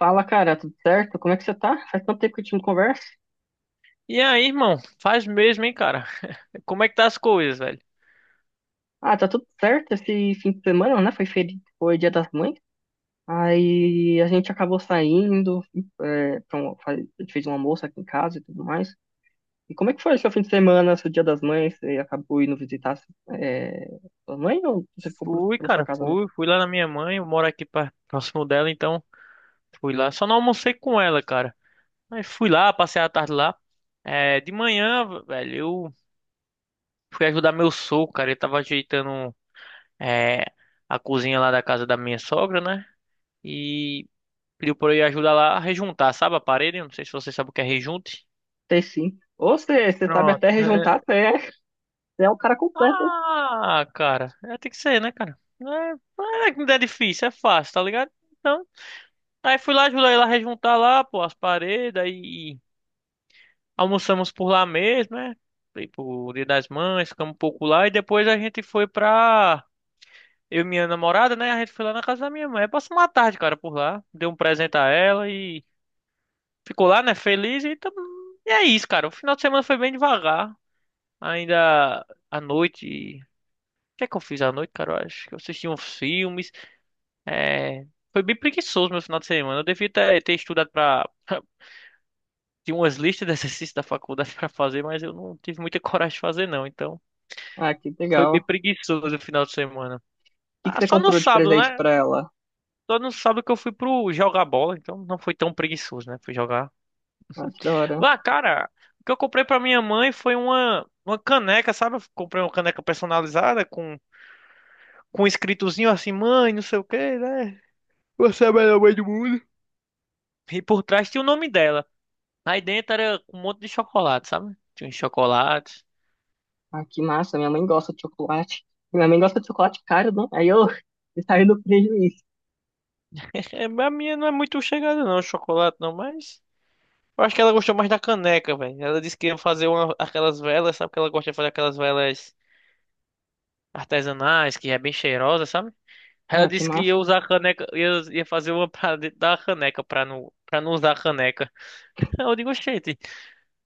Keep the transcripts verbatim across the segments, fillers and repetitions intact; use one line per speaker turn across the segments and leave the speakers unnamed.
Fala, cara, tudo certo? Como é que você tá? Faz tanto tempo que a gente não conversa.
E aí, irmão? Faz mesmo, hein, cara? Como é que tá as coisas, velho?
Ah, tá tudo certo esse fim de semana, né? Foi feri... foi Dia das Mães. Aí a gente acabou saindo, é, pra um- fa- a gente fez um almoço aqui em casa e tudo mais. E como é que foi seu fim de semana, seu Dia das Mães? Você acabou indo visitar é, sua mãe ou você ficou por-
Fui,
pela sua
cara,
casa mesmo?
fui, fui lá na minha mãe, eu moro aqui pra- próximo dela, então fui lá. Só não almocei com ela, cara. Mas fui lá, passei a tarde lá. É, de manhã, velho, eu fui ajudar meu sogro, cara. Ele tava ajeitando é, a cozinha lá da casa da minha sogra, né? E pediu pra eu ir ajudar lá a rejuntar, sabe a parede? Eu não sei se você sabe o que é rejunte.
Sei sim. Ou você, você sabe
Pronto.
até rejuntar, você é, você é um cara completo, hein?
Ah, cara, é, tem que ser, né, cara? Não é, não é que não é difícil, é fácil, tá ligado? Então, aí fui lá, ajudei lá a rejuntar lá, pô, as paredes, aí almoçamos por lá mesmo, né? Fui pro Dia das Mães, ficamos um pouco lá, e depois a gente foi pra. Eu e minha namorada, né? A gente foi lá na casa da minha mãe. Aí passamos uma tarde, cara, por lá. Dei um presente a ela e ficou lá, né? Feliz. E, tam- e é isso, cara. O final de semana foi bem devagar. Ainda à noite. O que é que eu fiz à noite, cara? Eu acho que eu assisti uns filmes. É, foi bem preguiçoso meu final de semana. Eu devia ter, ter estudado para tinha umas listas de exercícios da faculdade para fazer, mas eu não tive muita coragem de fazer não. Então,
Ah, que
foi
legal.
bem
O
preguiçoso o final de semana.
que que
Ah,
você
só no
comprou de
sábado,
presente
né?
pra ela?
Só no sábado que eu fui pro jogar bola, então não foi tão preguiçoso, né? Fui jogar.
Ah, que da hora.
Lá, cara, o que eu comprei para minha mãe foi uma uma caneca, sabe? Eu comprei uma caneca personalizada com com um escritozinho assim, mãe, não sei o quê, né? Você é a melhor mãe do mundo. E por trás tinha o nome dela. Aí dentro era com um monte de chocolate, sabe? Tinha uns chocolates.
Ah, que massa, minha mãe gosta de chocolate. Minha mãe gosta de chocolate caro, não? Aí eu saio no prejuízo.
É, a minha não é muito chegada, não, chocolate não, mas. Eu acho que ela gostou mais da caneca, velho. Ela disse que ia fazer uma- aquelas velas, sabe? Que ela gosta de fazer aquelas velas artesanais, que é bem cheirosa, sabe? Ela
Ah, que
disse que
massa.
ia usar a caneca, ia, ia fazer uma pra dentro da caneca, pra não, pra não usar a caneca. Eu digo, oxente.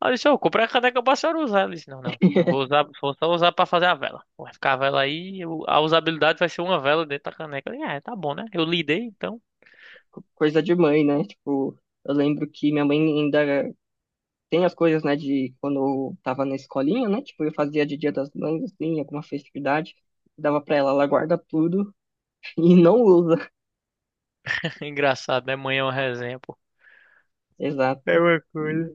Ela disse, eu comprei a caneca pra senhora usar. Ela disse, não, não, não vou usar, vou só usar pra fazer a vela. Vai ficar a vela aí, eu- a usabilidade vai ser uma vela dentro da caneca. Eu disse, ah, tá bom, né? Eu lidei, então.
Coisa de mãe, né? Tipo, eu lembro que minha mãe ainda tem as coisas, né, de quando eu tava na escolinha, né? Tipo, eu fazia de Dia das Mães, assim, alguma festividade. Dava pra ela, ela guarda tudo e não usa.
Engraçado, né? Manhã é uma resenha, pô. É
Exato.
uma coisa.
E-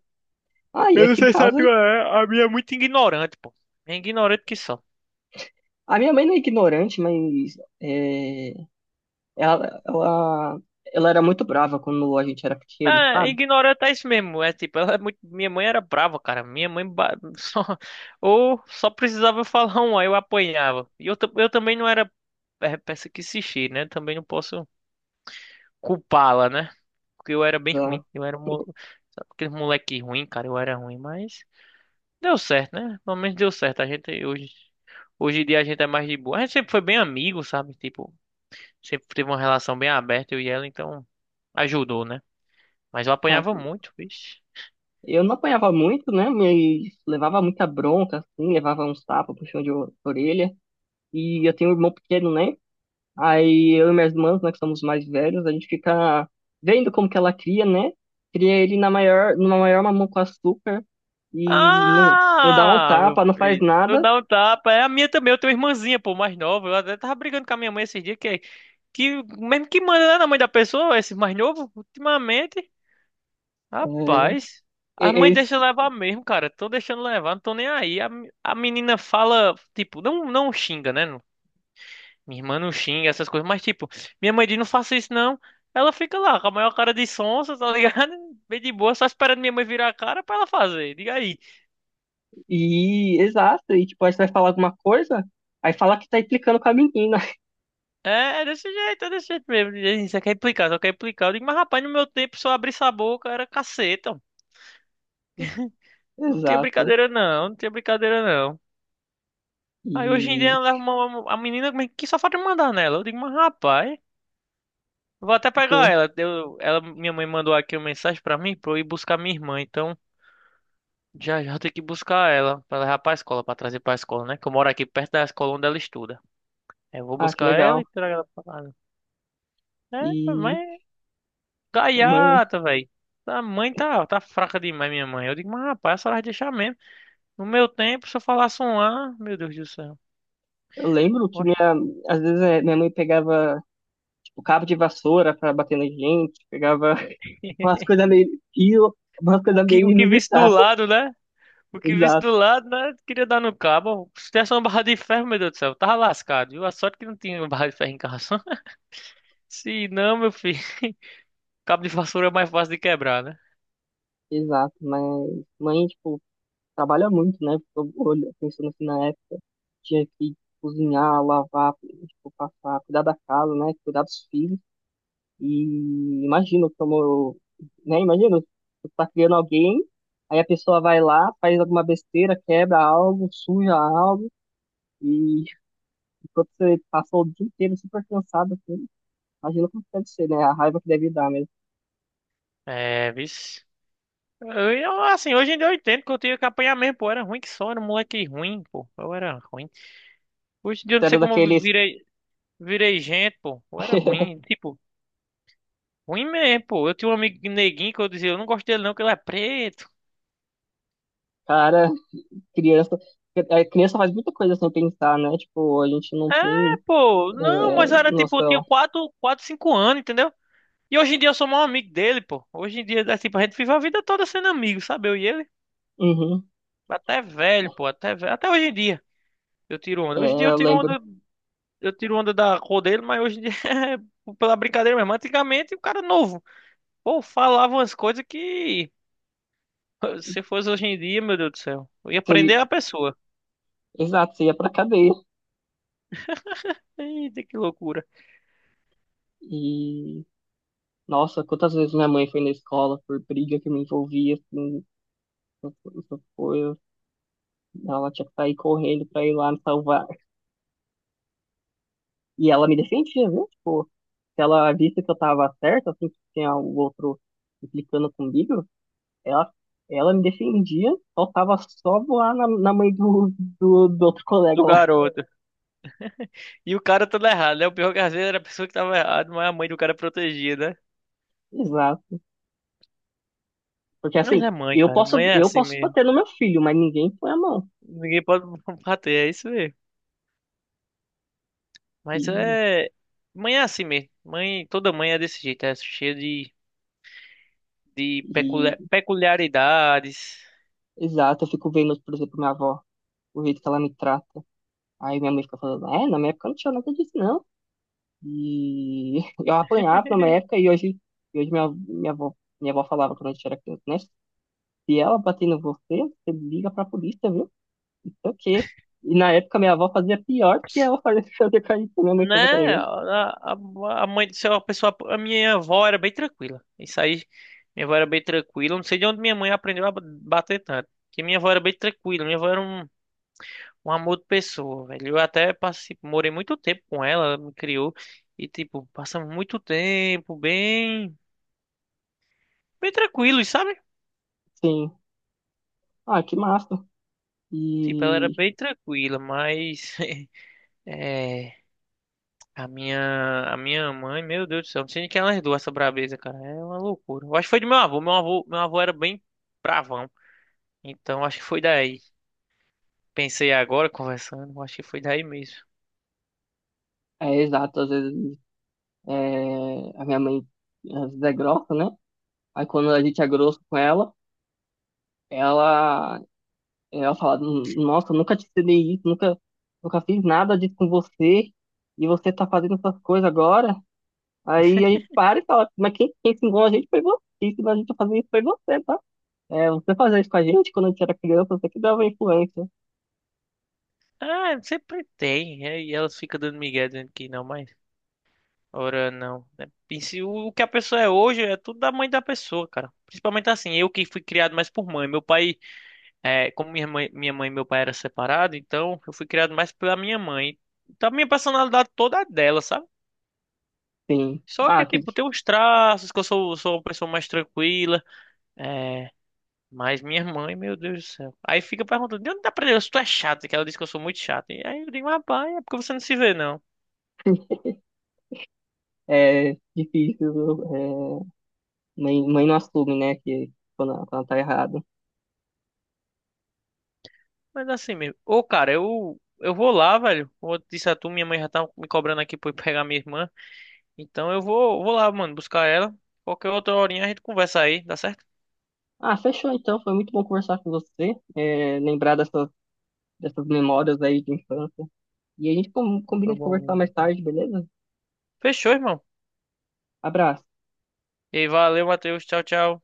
Ah, e
Eu não
aqui em
sei se a
casa,
tua é, a minha é muito ignorante, pô. É ignorante que só.
a minha mãe não é ignorante, mas é, ela, ela, ela era muito brava quando a gente era pequeno,
É,
sabe?
ignorante é isso mesmo. É tipo, ela é muito. Minha mãe era brava, cara. Minha mãe ba- só. Ou só precisava falar um, aí eu apanhava. E eu, ta- eu também não era. É, peça que se cheire, né? Também não posso culpá-la, né? Porque eu era bem ruim. Eu era um mo- sabe, aquele moleque ruim, cara. Eu era ruim, mas deu certo, né? Pelo menos deu certo. A gente hoje, hoje em dia a gente é mais de boa. A gente sempre foi bem amigo, sabe? Tipo, sempre teve uma relação bem aberta, eu e ela, então ajudou, né? Mas eu
Ah,
apanhava muito, vixe.
eu não apanhava muito, né? Mas levava muita bronca, assim, levava uns tapas, puxão de o- orelha. E eu tenho um irmão pequeno, né? Aí eu e minhas irmãs, né, que somos mais velhos, a gente fica vendo como que ela cria, né? Cria ele na maior, numa maior mamão com açúcar e não, não dá um
Ah, meu
tapa, não faz
filho, tu
nada.
dá um tapa. É a minha também, eu tenho uma irmãzinha, pô, mais nova. Eu até tava brigando com a minha mãe esses dias, que, que mesmo que manda né, na mãe da pessoa, esse mais novo, ultimamente.
É,
Rapaz, as
é-
mães
é
deixam levar mesmo, cara. Tô deixando levar, não tô nem aí. A, me- a menina fala, tipo, não, não xinga, né? Não. Minha irmã não xinga essas coisas, mas tipo, minha mãe diz, não faça isso não. Ela fica lá com a maior cara de sonsa, tá ligado? Bem de boa, só esperando minha mãe virar a cara pra ela fazer. Diga aí.
e, exato, e tipo, aí você vai falar alguma coisa, aí fala que tá implicando com a menina.
É, é desse jeito, é desse jeito mesmo. Diz aí, você quer implicar, só quer implicar. Eu digo, mas rapaz, no meu tempo, se eu abrisse a boca, era caceta. Não tinha
Exato.
brincadeira não, não tinha brincadeira não. Aí hoje em dia
E,
ela leva uma, uma- a menina como é que só falta me mandar nela. Eu digo, mas rapaz, vou até pegar
tipo,
ela. Eu, ela, minha mãe mandou aqui uma mensagem pra mim pra eu ir buscar minha irmã. Então já já eu tenho que buscar ela pra levar pra escola, pra trazer pra escola, né? Que eu moro aqui perto da escola onde ela estuda. Aí eu vou
ah, que
buscar
legal.
ela e trago ela pra casa. É,
E.
mas
Mãe,
gaiata, velho. A mãe tá, tá fraca demais, minha mãe. Eu digo, mas rapaz, a senhora vai deixar mesmo. No meu tempo, se eu falasse um ah, meu Deus do céu.
eu lembro que
Oxe.
minha, às vezes eh, minha mãe pegava tipo, cabo de vassoura pra bater na gente, pegava umas coisas meio fio, umas
O
coisas
que,
meio
o que visse do
inusitadas.
lado, né? O que visse
Exato,
do lado, né? Queria dar no cabo. Se tivesse uma barra de ferro, meu Deus do céu, tava lascado, viu? A sorte que não tinha uma barra de ferro em casa. Se não, meu filho, cabo de vassoura é mais fácil de quebrar, né?
exato. Mas mãe, tipo, trabalha muito, né? Fico olha- Pensando assim na época, tinha que cozinhar, lavar, tipo, passar, cuidar da casa, né? Cuidar dos filhos. E imagino como, né? Imagino, você tá criando alguém, aí a pessoa vai lá, faz alguma besteira, quebra algo, suja algo. E quando você passou o dia inteiro super cansado, assim, imagina como deve ser, né? A raiva que deve dar mesmo.
É, vixe. Eu, eu, assim, hoje em dia eu entendo que eu tinha que apanhar mesmo, pô. Eu era ruim que só, era um moleque ruim, pô. Eu era ruim. Hoje em dia eu
Você
não sei
era
como eu
daqueles,
virei, virei gente, pô. Eu era ruim, tipo, ruim mesmo, pô. Eu tinha um amigo neguinho que eu dizia, eu não gosto dele não, que ele é preto.
cara, criança. A criança faz muita coisa sem pensar, né? Tipo, a gente não
É,
tem
pô,
é,
não, mas era tipo, eu tinha
noção.
quatro, quatro, cinco anos, entendeu? E hoje em dia eu sou o maior amigo dele, pô. Hoje em dia, é tipo, a gente vive a vida toda sendo amigo, sabe? Eu e ele.
Uhum.
Até velho, pô. Até velho. Até hoje em dia. Eu tiro
É,
onda. Hoje em dia eu
eu
tiro
lembro.
onda, eu tiro onda da cor dele, mas hoje em dia é pela brincadeira mesmo. Antigamente o cara novo. Pô, falava umas coisas que se fosse hoje em dia, meu Deus do céu. Eu ia
que-
prender a pessoa.
exato, você ia pra cadeia.
Eita, que loucura.
E, nossa, quantas vezes minha mãe foi na escola por briga que eu me envolvia, assim, essas essas coisas. Ela tinha que sair correndo pra ir lá me salvar. E ela me defendia, viu? Tipo, se ela visse que eu tava certa, assim, que tinha o outro implicando comigo, ela, ela me defendia, faltava só voar na, na mãe do, do, do outro colega
Do
lá.
garoto. E o cara todo errado, né? O pior que às vezes era a pessoa que tava errada, mas a mãe do cara protegia, né?
Exato. Porque
Mas
assim,
é mãe,
eu
cara. Mãe
posso,
é
eu
assim
posso
mesmo.
bater no meu filho, mas ninguém põe a mão.
Ninguém pode bater, é isso mesmo.
E,
Mas é. Mãe é assim mesmo. Mãe, toda mãe é desse jeito, é cheia de, de
e,
peculia- peculiaridades.
exato, eu fico vendo, por exemplo, minha avó, o jeito que ela me trata. Aí minha mãe fica falando, é, na minha época não tinha nada disso, não. E eu apanhava pra uma época e hoje, e hoje minha, minha avó, minha avó falava quando a gente era criança, né? Se ela bater em você, você liga pra polícia, viu? Não sei o quê. E na época minha avó fazia pior que ela fazia, fazia com a gente, minha mãe fazia com a
Né? A,
gente.
a, a mãe do céu, a pessoa. A minha avó era bem tranquila. Isso aí, minha avó era bem tranquila. Eu não sei de onde minha mãe aprendeu a ba- bater tanto. Porque minha avó era bem tranquila. Minha avó era um, um amor de pessoa, velho. Eu até passei, morei muito tempo com ela, ela me criou. E, tipo, passamos muito tempo bem. Bem tranquilo, sabe?
Sim. Ah, que massa.
Tipo, ela era
E
bem tranquila, mas. É, a minha, a minha mãe, meu Deus do céu, não sei nem quem ela herdou essa brabeza, cara. É uma loucura. Eu acho que foi do meu avô. Meu avô, meu avô era bem bravão. Então acho que foi daí. Pensei agora conversando, acho que foi daí mesmo.
é exato, às vezes é, a minha mãe às vezes é grossa, né? Aí quando a gente é grosso com ela, ela Ela fala, nossa, eu nunca te cedei isso, nunca, nunca fiz nada disso com você, e você tá fazendo essas coisas agora. Aí a gente para e fala, mas quem, quem ensinou a gente foi você, quem ensinou a gente a fazer isso foi você, tá? É, você fazia isso com a gente quando a gente era criança, você que dava influência.
Ah, sempre tem. É, e elas ficam dando migué dizendo que não, mas ora não, né? E se o o que a pessoa é hoje é tudo da mãe da pessoa, cara. Principalmente assim, eu que fui criado mais por mãe. Meu pai é, como minha mãe, minha mãe e meu pai eram separados, então eu fui criado mais pela minha mãe. Então a minha personalidade toda é dela, sabe?
Sim.
Só
Ah,
que,
que
tipo, tem uns traços que eu sou, sou uma pessoa mais tranquila. É, mas minha mãe, meu Deus do céu. Aí fica perguntando, de onde dá aprendendo? Se tu é chato, que ela disse que eu sou muito chato. E aí eu digo, rapaz, é porque você não se vê, não.
é difícil, é, mãe, mãe não assume, né, que quando, ela- quando ela tá errada.
Mas assim mesmo. Ô, cara, eu, eu vou lá, velho. Como eu disse a tu, minha mãe já tá me cobrando aqui pra eu pegar minha irmã. Então eu vou, vou lá, mano, buscar ela. Qualquer outra horinha a gente conversa aí, dá certo?
Ah, fechou então, foi muito bom conversar com você, é, lembrar dessas, dessas memórias aí de infância. E a gente com-
Foi
combina de
bom
conversar mais
mesmo.
tarde, beleza?
Fechou, irmão.
Abraço.
E aí, valeu, Matheus. Tchau, tchau.